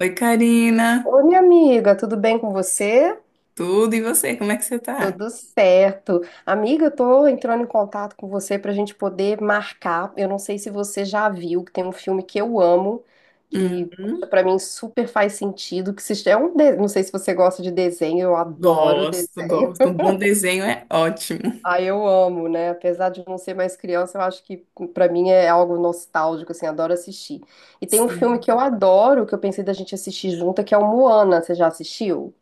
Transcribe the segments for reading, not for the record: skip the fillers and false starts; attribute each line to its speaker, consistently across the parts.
Speaker 1: Oi, Karina.
Speaker 2: Oi, minha amiga, tudo bem com você?
Speaker 1: Tudo, e você? Como é que você tá?
Speaker 2: Tudo certo. Amiga, eu tô entrando em contato com você pra gente poder marcar. Eu não sei se você já viu, que tem um filme que eu amo, que poxa,
Speaker 1: Uhum.
Speaker 2: pra mim super faz sentido, que se é um, não sei se você gosta de desenho, eu adoro
Speaker 1: Gosto,
Speaker 2: desenho.
Speaker 1: gosto. Um bom desenho é ótimo.
Speaker 2: Ah, eu amo, né? Apesar de não ser mais criança, eu acho que pra mim é algo nostálgico, assim, adoro assistir. E tem um filme que eu
Speaker 1: Sim.
Speaker 2: adoro, que eu pensei da gente assistir junta, que é o Moana. Você já assistiu?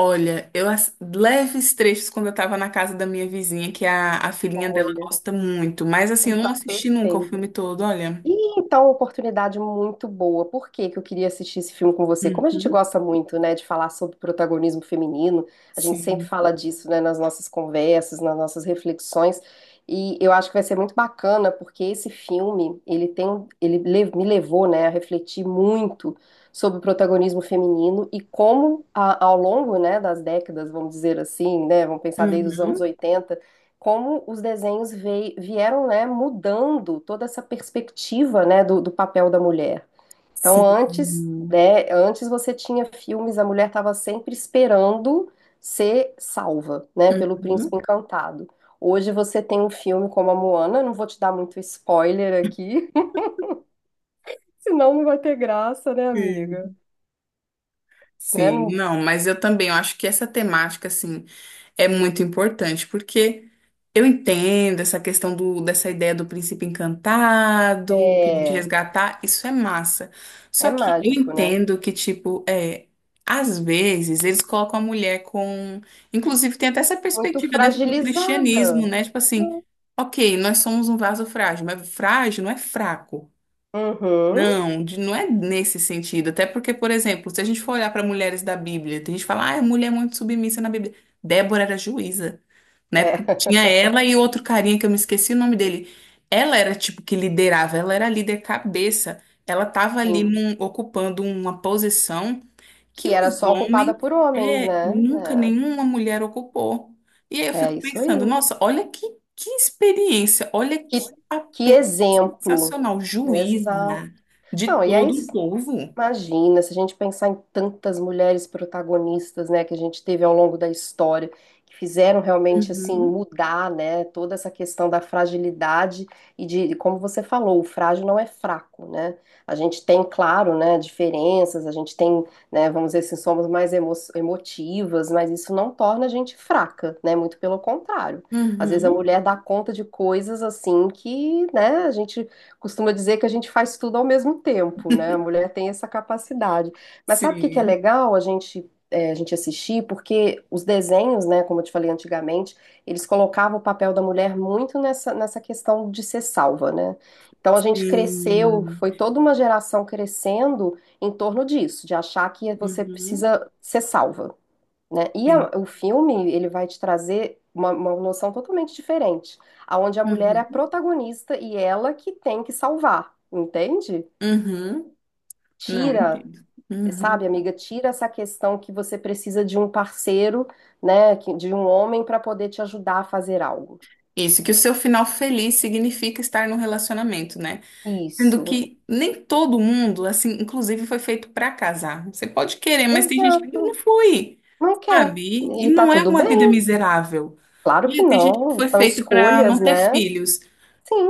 Speaker 1: Olha, leves trechos quando eu tava na casa da minha vizinha, que a filhinha dela
Speaker 2: Olha.
Speaker 1: gosta muito. Mas assim, eu
Speaker 2: Então,
Speaker 1: não assisti nunca o
Speaker 2: perfeito.
Speaker 1: filme todo, olha.
Speaker 2: E então, uma oportunidade muito boa. Por que que eu queria assistir esse filme com você? Como a gente
Speaker 1: Uhum.
Speaker 2: gosta muito, né, de falar sobre protagonismo feminino, a gente sempre
Speaker 1: Sim.
Speaker 2: fala disso, né, nas nossas conversas, nas nossas reflexões. E eu acho que vai ser muito bacana, porque esse filme, ele tem, um, ele me levou, né, a refletir muito sobre o protagonismo feminino e como ao longo, né, das décadas, vamos dizer assim, né, vamos pensar desde os anos
Speaker 1: Uhum.
Speaker 2: 80 como os desenhos vieram, né, mudando toda essa perspectiva, né, do papel da mulher. Então,
Speaker 1: Sim.
Speaker 2: antes, né, antes você tinha filmes, a mulher estava sempre esperando ser salva, né, pelo príncipe
Speaker 1: Uhum.
Speaker 2: encantado. Hoje você tem um filme como a Moana, não vou te dar muito spoiler aqui, senão não vai ter graça, né, amiga?
Speaker 1: Sim.
Speaker 2: Né,
Speaker 1: Sim, não, mas eu também, eu acho que essa temática, assim, é muito importante, porque eu entendo essa questão dessa ideia do príncipe encantado, que vem te
Speaker 2: é,
Speaker 1: resgatar, isso é massa.
Speaker 2: é
Speaker 1: Só que eu
Speaker 2: mágico, né?
Speaker 1: entendo que, tipo, é, às vezes eles colocam a mulher com. Inclusive, tem até essa
Speaker 2: Muito
Speaker 1: perspectiva dentro do cristianismo,
Speaker 2: fragilizada.
Speaker 1: né? Tipo assim, ok, nós somos um vaso frágil, mas frágil não é fraco.
Speaker 2: Uhum,
Speaker 1: Não, não é nesse sentido. Até porque, por exemplo, se a gente for olhar para mulheres da Bíblia, tem gente que fala, ah, a mulher é muito submissa na Bíblia. Débora era juíza. Na
Speaker 2: é,
Speaker 1: época tinha ela e outro carinha que eu me esqueci o nome dele. Ela era tipo que liderava, ela era a líder cabeça. Ela tava ali
Speaker 2: sim.
Speaker 1: ocupando uma posição que
Speaker 2: Que era
Speaker 1: os
Speaker 2: só ocupada
Speaker 1: homens
Speaker 2: por homens,
Speaker 1: é,
Speaker 2: né?
Speaker 1: nunca nenhuma mulher ocupou. E aí eu
Speaker 2: É, é
Speaker 1: fico
Speaker 2: isso
Speaker 1: pensando,
Speaker 2: aí.
Speaker 1: nossa, olha que experiência, olha
Speaker 2: Que,
Speaker 1: que
Speaker 2: que
Speaker 1: papel
Speaker 2: exemplo.
Speaker 1: sensacional, juíza
Speaker 2: Exato.
Speaker 1: de
Speaker 2: Não, e aí
Speaker 1: todo um povo.
Speaker 2: imagina, se a gente pensar em tantas mulheres protagonistas, né, que a gente teve ao longo da história, que fizeram realmente assim
Speaker 1: Uhum,
Speaker 2: mudar, né, toda essa questão da fragilidade e de, como você falou, o frágil não é fraco, né? A gente tem, claro, né, diferenças, a gente tem, né, vamos dizer assim, somos mais emotivas, mas isso não torna a gente fraca, né? Muito pelo contrário. Às vezes a
Speaker 1: uhum,
Speaker 2: mulher dá conta de coisas assim que, né, a gente costuma dizer que a gente faz tudo ao mesmo tempo, né? A mulher tem essa capacidade. Mas sabe o que que é
Speaker 1: sim,
Speaker 2: legal a gente, é, a gente assistir? Porque os desenhos, né, como eu te falei antigamente, eles colocavam o papel da mulher muito nessa questão de ser salva, né? Então a gente cresceu,
Speaker 1: sim,
Speaker 2: foi toda uma geração crescendo em torno disso, de achar que você
Speaker 1: uhum,
Speaker 2: precisa ser salva né? E
Speaker 1: sim,
Speaker 2: o filme, ele vai te trazer uma noção totalmente diferente, aonde a mulher é a
Speaker 1: uhum,
Speaker 2: protagonista e ela que tem que salvar, entende?
Speaker 1: uhum. Não
Speaker 2: Tira,
Speaker 1: entendo. Uhum.
Speaker 2: sabe, amiga, tira essa questão que você precisa de um parceiro, né, de um homem para poder te ajudar a fazer algo.
Speaker 1: Isso, que o seu final feliz significa estar num relacionamento, né? Sendo
Speaker 2: Isso.
Speaker 1: que nem todo mundo, assim, inclusive foi feito pra casar. Você pode querer, mas tem gente que não
Speaker 2: Exato.
Speaker 1: foi,
Speaker 2: Não quer.
Speaker 1: sabe? E
Speaker 2: E tá
Speaker 1: não é
Speaker 2: tudo
Speaker 1: uma vida
Speaker 2: bem?
Speaker 1: miserável.
Speaker 2: Claro que
Speaker 1: E tem gente que
Speaker 2: não.
Speaker 1: foi
Speaker 2: São
Speaker 1: feita pra
Speaker 2: escolhas,
Speaker 1: não ter
Speaker 2: né?
Speaker 1: filhos.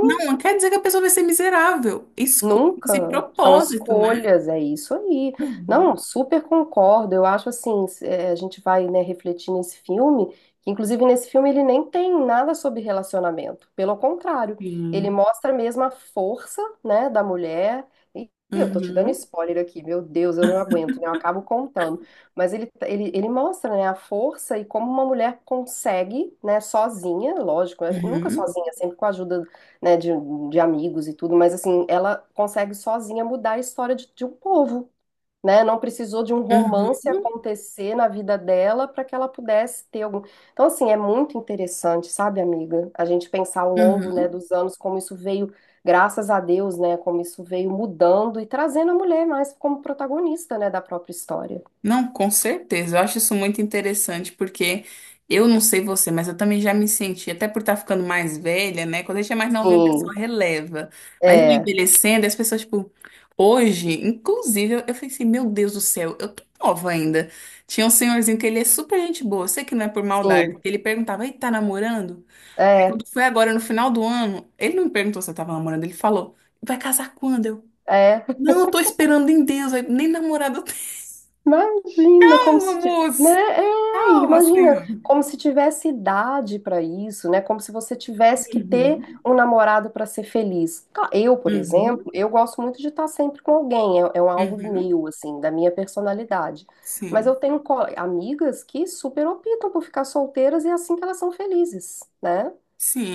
Speaker 1: Não, não quer dizer que a pessoa vai ser miserável. Escolha esse
Speaker 2: Nunca. São
Speaker 1: propósito, né?
Speaker 2: escolhas, é isso aí.
Speaker 1: Uhum.
Speaker 2: Não, super concordo. Eu acho assim, é, a gente vai, né, refletir nesse filme, que inclusive nesse filme ele nem tem nada sobre relacionamento. Pelo contrário, ele
Speaker 1: Sim.
Speaker 2: mostra mesmo a força, né, da mulher. E eu tô te dando
Speaker 1: Uhum.
Speaker 2: spoiler aqui, meu Deus, eu não aguento, né? Eu acabo contando. Mas ele mostra, né, a força e como uma mulher consegue, né, sozinha, lógico, né, nunca
Speaker 1: Uhum.
Speaker 2: sozinha, sempre com a ajuda né, de amigos e tudo, mas assim, ela consegue sozinha mudar a história de um povo, né? Não precisou de um romance
Speaker 1: Uhum.
Speaker 2: acontecer na vida dela para que ela pudesse ter algum. Então, assim, é muito interessante, sabe, amiga? A gente pensar ao longo, né,
Speaker 1: Uhum.
Speaker 2: dos anos como isso veio, graças a Deus, né, como isso veio mudando e trazendo a mulher mais como protagonista, né, da própria história.
Speaker 1: Não, com certeza. Eu acho isso muito interessante porque eu não sei você, mas eu também já me senti, até por estar ficando mais velha, né? Quando a gente é mais novinho, a pessoa
Speaker 2: Sim,
Speaker 1: releva. Mas me
Speaker 2: é,
Speaker 1: envelhecendo, as pessoas, tipo, hoje, inclusive, eu falei assim, meu Deus do céu, eu tô nova ainda. Tinha um senhorzinho que ele é super gente boa, eu sei que não é por maldade.
Speaker 2: sim,
Speaker 1: Ele perguntava, ei, tá namorando? Aí
Speaker 2: é,
Speaker 1: quando foi agora, no final do ano, ele não me perguntou se eu tava namorando, ele falou, vai casar quando? Eu,
Speaker 2: é.
Speaker 1: não, eu tô esperando em Deus, aí, nem namorado eu
Speaker 2: Imagina como
Speaker 1: tenho,
Speaker 2: se,
Speaker 1: amor.
Speaker 2: né? É,
Speaker 1: Calma, senhor.
Speaker 2: imagina como se tivesse idade para isso, né? Como se você tivesse que ter
Speaker 1: Uhum,
Speaker 2: um namorado para ser feliz. Eu, por exemplo,
Speaker 1: uhum,
Speaker 2: eu gosto muito de estar sempre com alguém, é, é um algo
Speaker 1: uhum,
Speaker 2: meu, assim, da minha personalidade. Mas eu
Speaker 1: sim,
Speaker 2: tenho amigas que super optam por ficar solteiras e é assim que elas são felizes, né?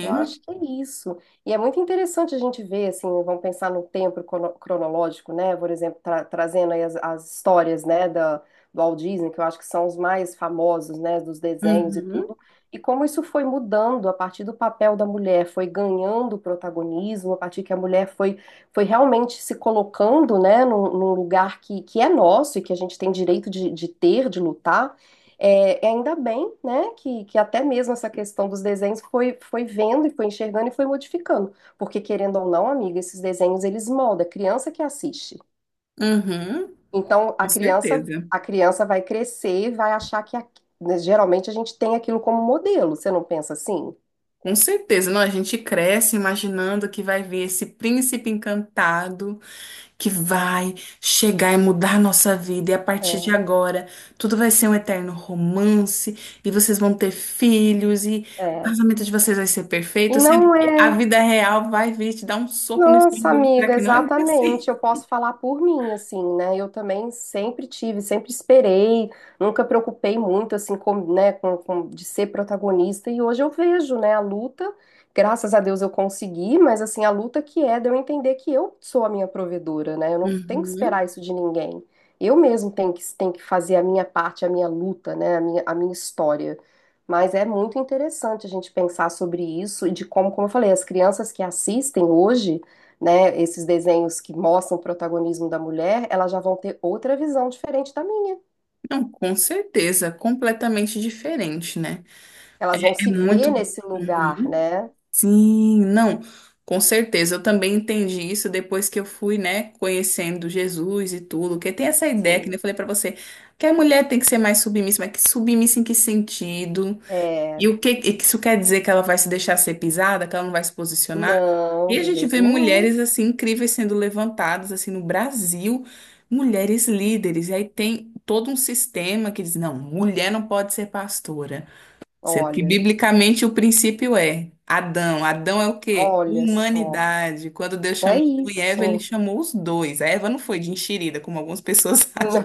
Speaker 2: Eu acho que é isso. E é muito interessante a gente ver, assim, vamos pensar no tempo cronológico, né? Por exemplo, trazendo aí as histórias, né, do Walt Disney, que eu acho que são os mais famosos, né, dos desenhos e
Speaker 1: uhum,
Speaker 2: tudo. E como isso foi mudando a partir do papel da mulher, foi ganhando protagonismo, a partir que a mulher foi, foi realmente se colocando, né, num lugar que é nosso e que a gente tem direito de ter, de lutar. É, e ainda bem, né, que até mesmo essa questão dos desenhos foi, foi vendo e foi enxergando e foi modificando. Porque, querendo ou não, amiga, esses desenhos eles moldam, a criança que assiste.
Speaker 1: uhum,
Speaker 2: Então,
Speaker 1: com
Speaker 2: a criança,
Speaker 1: certeza,
Speaker 2: a criança vai crescer e vai achar que, né, geralmente, a gente tem aquilo como modelo. Você não pensa assim?
Speaker 1: com certeza. Não, a gente cresce imaginando que vai ver esse príncipe encantado que vai chegar e mudar a nossa vida, e a partir de
Speaker 2: É,
Speaker 1: agora tudo vai ser um eterno romance, e vocês vão ter filhos, e o
Speaker 2: é.
Speaker 1: casamento de vocês vai ser
Speaker 2: E
Speaker 1: perfeito, sendo
Speaker 2: não
Speaker 1: que a
Speaker 2: é.
Speaker 1: vida real vai vir te dar um soco no
Speaker 2: Nossa,
Speaker 1: estômago e mostrar
Speaker 2: amiga,
Speaker 1: que não é bem
Speaker 2: exatamente.
Speaker 1: assim.
Speaker 2: Eu posso falar por mim, assim, né? Eu também sempre tive, sempre esperei, nunca preocupei muito, assim, com, né, de ser protagonista. E hoje eu vejo, né, a luta. Graças a Deus eu consegui, mas, assim, a luta que é de eu entender que eu sou a minha provedora, né? Eu não tenho que esperar
Speaker 1: Uhum.
Speaker 2: isso de ninguém. Eu mesmo tenho que fazer a minha parte, a minha luta, né? A minha história. Mas é muito interessante a gente pensar sobre isso e de como eu falei, as crianças que assistem hoje né, esses desenhos que mostram o protagonismo da mulher, elas já vão ter outra visão diferente da minha.
Speaker 1: Não, com certeza, completamente diferente, né?
Speaker 2: Elas vão
Speaker 1: É
Speaker 2: se ver
Speaker 1: muito.
Speaker 2: nesse lugar,
Speaker 1: Uhum.
Speaker 2: né?
Speaker 1: Sim, não, com certeza. Eu também entendi isso depois que eu fui, né, conhecendo Jesus e tudo. Porque tem essa ideia que nem eu
Speaker 2: Sim.
Speaker 1: falei pra você, que a mulher tem que ser mais submissa, mas que submissa em que sentido?
Speaker 2: É,
Speaker 1: E o que e que isso quer dizer que ela vai se deixar ser pisada, que ela não vai se posicionar?
Speaker 2: não,
Speaker 1: E a
Speaker 2: de
Speaker 1: gente
Speaker 2: jeito
Speaker 1: vê
Speaker 2: nenhum.
Speaker 1: mulheres assim incríveis sendo levantadas assim no Brasil, mulheres líderes. E aí tem todo um sistema que diz, não, mulher não pode ser pastora. Sendo que
Speaker 2: Olha,
Speaker 1: biblicamente o princípio é Adão. Adão é o quê?
Speaker 2: olha só.
Speaker 1: Humanidade. Quando Deus
Speaker 2: É
Speaker 1: chamou Adão e Eva, ele
Speaker 2: isso.
Speaker 1: chamou os dois. A Eva não foi de enxerida, como algumas pessoas acham.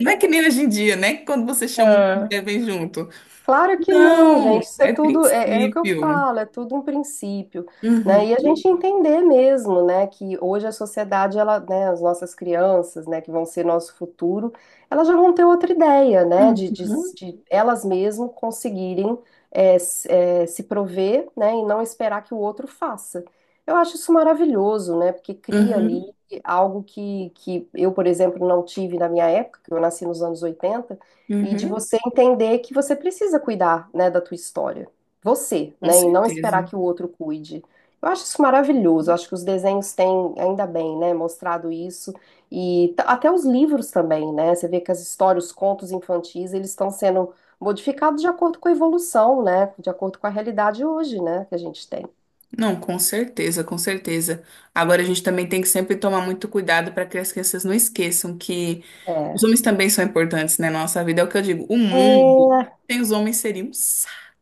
Speaker 1: Não é que nem hoje em dia, né? Que quando você
Speaker 2: Não.
Speaker 1: chama, um,
Speaker 2: É.
Speaker 1: vem junto.
Speaker 2: Claro que não,
Speaker 1: Não,
Speaker 2: gente. Isso é
Speaker 1: é
Speaker 2: tudo, é o que eu
Speaker 1: princípio.
Speaker 2: falo, é tudo um princípio, né?
Speaker 1: Uhum,
Speaker 2: E a gente entender mesmo, né, que hoje a sociedade, ela, né, as nossas crianças, né, que vão ser nosso futuro, elas já vão ter outra ideia, né, de, de,
Speaker 1: uhum,
Speaker 2: de elas mesmas conseguirem se prover, né, e não esperar que o outro faça. Eu acho isso maravilhoso, né, porque cria ali
Speaker 1: uhum,
Speaker 2: algo que eu, por exemplo, não tive na minha época, que eu nasci nos anos 80 e de
Speaker 1: uhum.
Speaker 2: você entender que você precisa cuidar, né, da tua história. Você,
Speaker 1: Com
Speaker 2: né, e não esperar
Speaker 1: certeza.
Speaker 2: que o outro cuide. Eu acho isso maravilhoso. Eu acho que os desenhos têm, ainda bem, né, mostrado isso e até os livros também, né? Você vê que as histórias, os contos infantis, eles estão sendo modificados de acordo com a evolução, né, de acordo com a realidade hoje, né, que a gente tem.
Speaker 1: Não, com certeza, com certeza. Agora a gente também tem que sempre tomar muito cuidado para que as crianças não esqueçam que os
Speaker 2: É.
Speaker 1: homens também são importantes, né, na nossa vida. É o que eu digo, o mundo
Speaker 2: É,
Speaker 1: sem os homens seria um saco.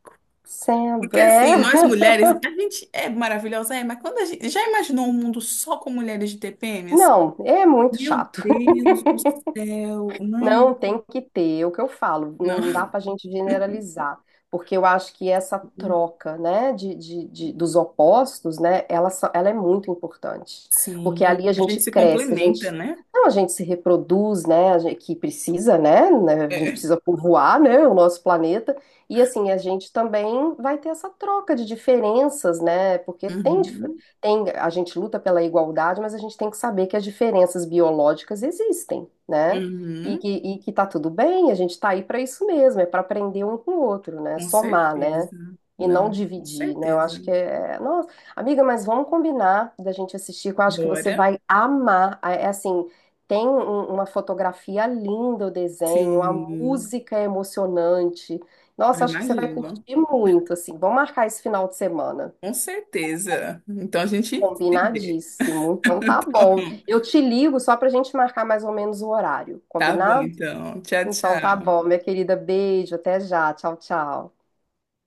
Speaker 1: Porque assim,
Speaker 2: é.
Speaker 1: nós mulheres, a gente é maravilhosa, é, mas quando a gente já imaginou um mundo só com mulheres de TPM, assim,
Speaker 2: Não, é muito
Speaker 1: meu
Speaker 2: chato.
Speaker 1: Deus do céu, não,
Speaker 2: Não tem que ter, é o que eu falo,
Speaker 1: não.
Speaker 2: não dá para a gente generalizar, porque eu acho que essa troca, né, dos opostos, né, ela, ela é muito importante, porque
Speaker 1: Sim,
Speaker 2: ali a
Speaker 1: a
Speaker 2: gente
Speaker 1: gente se
Speaker 2: cresce, a
Speaker 1: complementa,
Speaker 2: gente,
Speaker 1: né?
Speaker 2: não, a gente se reproduz, né, a gente, que precisa, né, a gente
Speaker 1: É.
Speaker 2: precisa povoar, né, o nosso planeta, e assim, a gente também vai ter essa troca de diferenças, né, porque tem,
Speaker 1: Uhum,
Speaker 2: a gente luta pela igualdade, mas a gente tem que saber que as diferenças biológicas existem, né, e que,
Speaker 1: uhum,
Speaker 2: e que tá tudo bem, a gente tá aí para isso mesmo, é para aprender um com o outro, né?
Speaker 1: com
Speaker 2: Somar, né?
Speaker 1: certeza.
Speaker 2: E não
Speaker 1: Não, com
Speaker 2: dividir, né? Eu acho
Speaker 1: certeza.
Speaker 2: que é. Nossa, amiga, mas vamos combinar da gente assistir, que eu acho que você
Speaker 1: Bora?
Speaker 2: vai amar. É assim, tem uma fotografia linda, o desenho, a
Speaker 1: Sim,
Speaker 2: música é emocionante.
Speaker 1: eu
Speaker 2: Nossa, acho que você vai
Speaker 1: imagino.
Speaker 2: curtir muito, assim. Vamos marcar esse final de semana.
Speaker 1: Com certeza. Então a gente se vê.
Speaker 2: Combinadíssimo. Então tá
Speaker 1: Tá
Speaker 2: bom.
Speaker 1: bom,
Speaker 2: Eu te ligo só pra gente marcar mais ou menos o horário.
Speaker 1: tá bom,
Speaker 2: Combinado?
Speaker 1: então. Tchau,
Speaker 2: Então tá
Speaker 1: tchau.
Speaker 2: bom, minha querida. Beijo, até já. Tchau, tchau.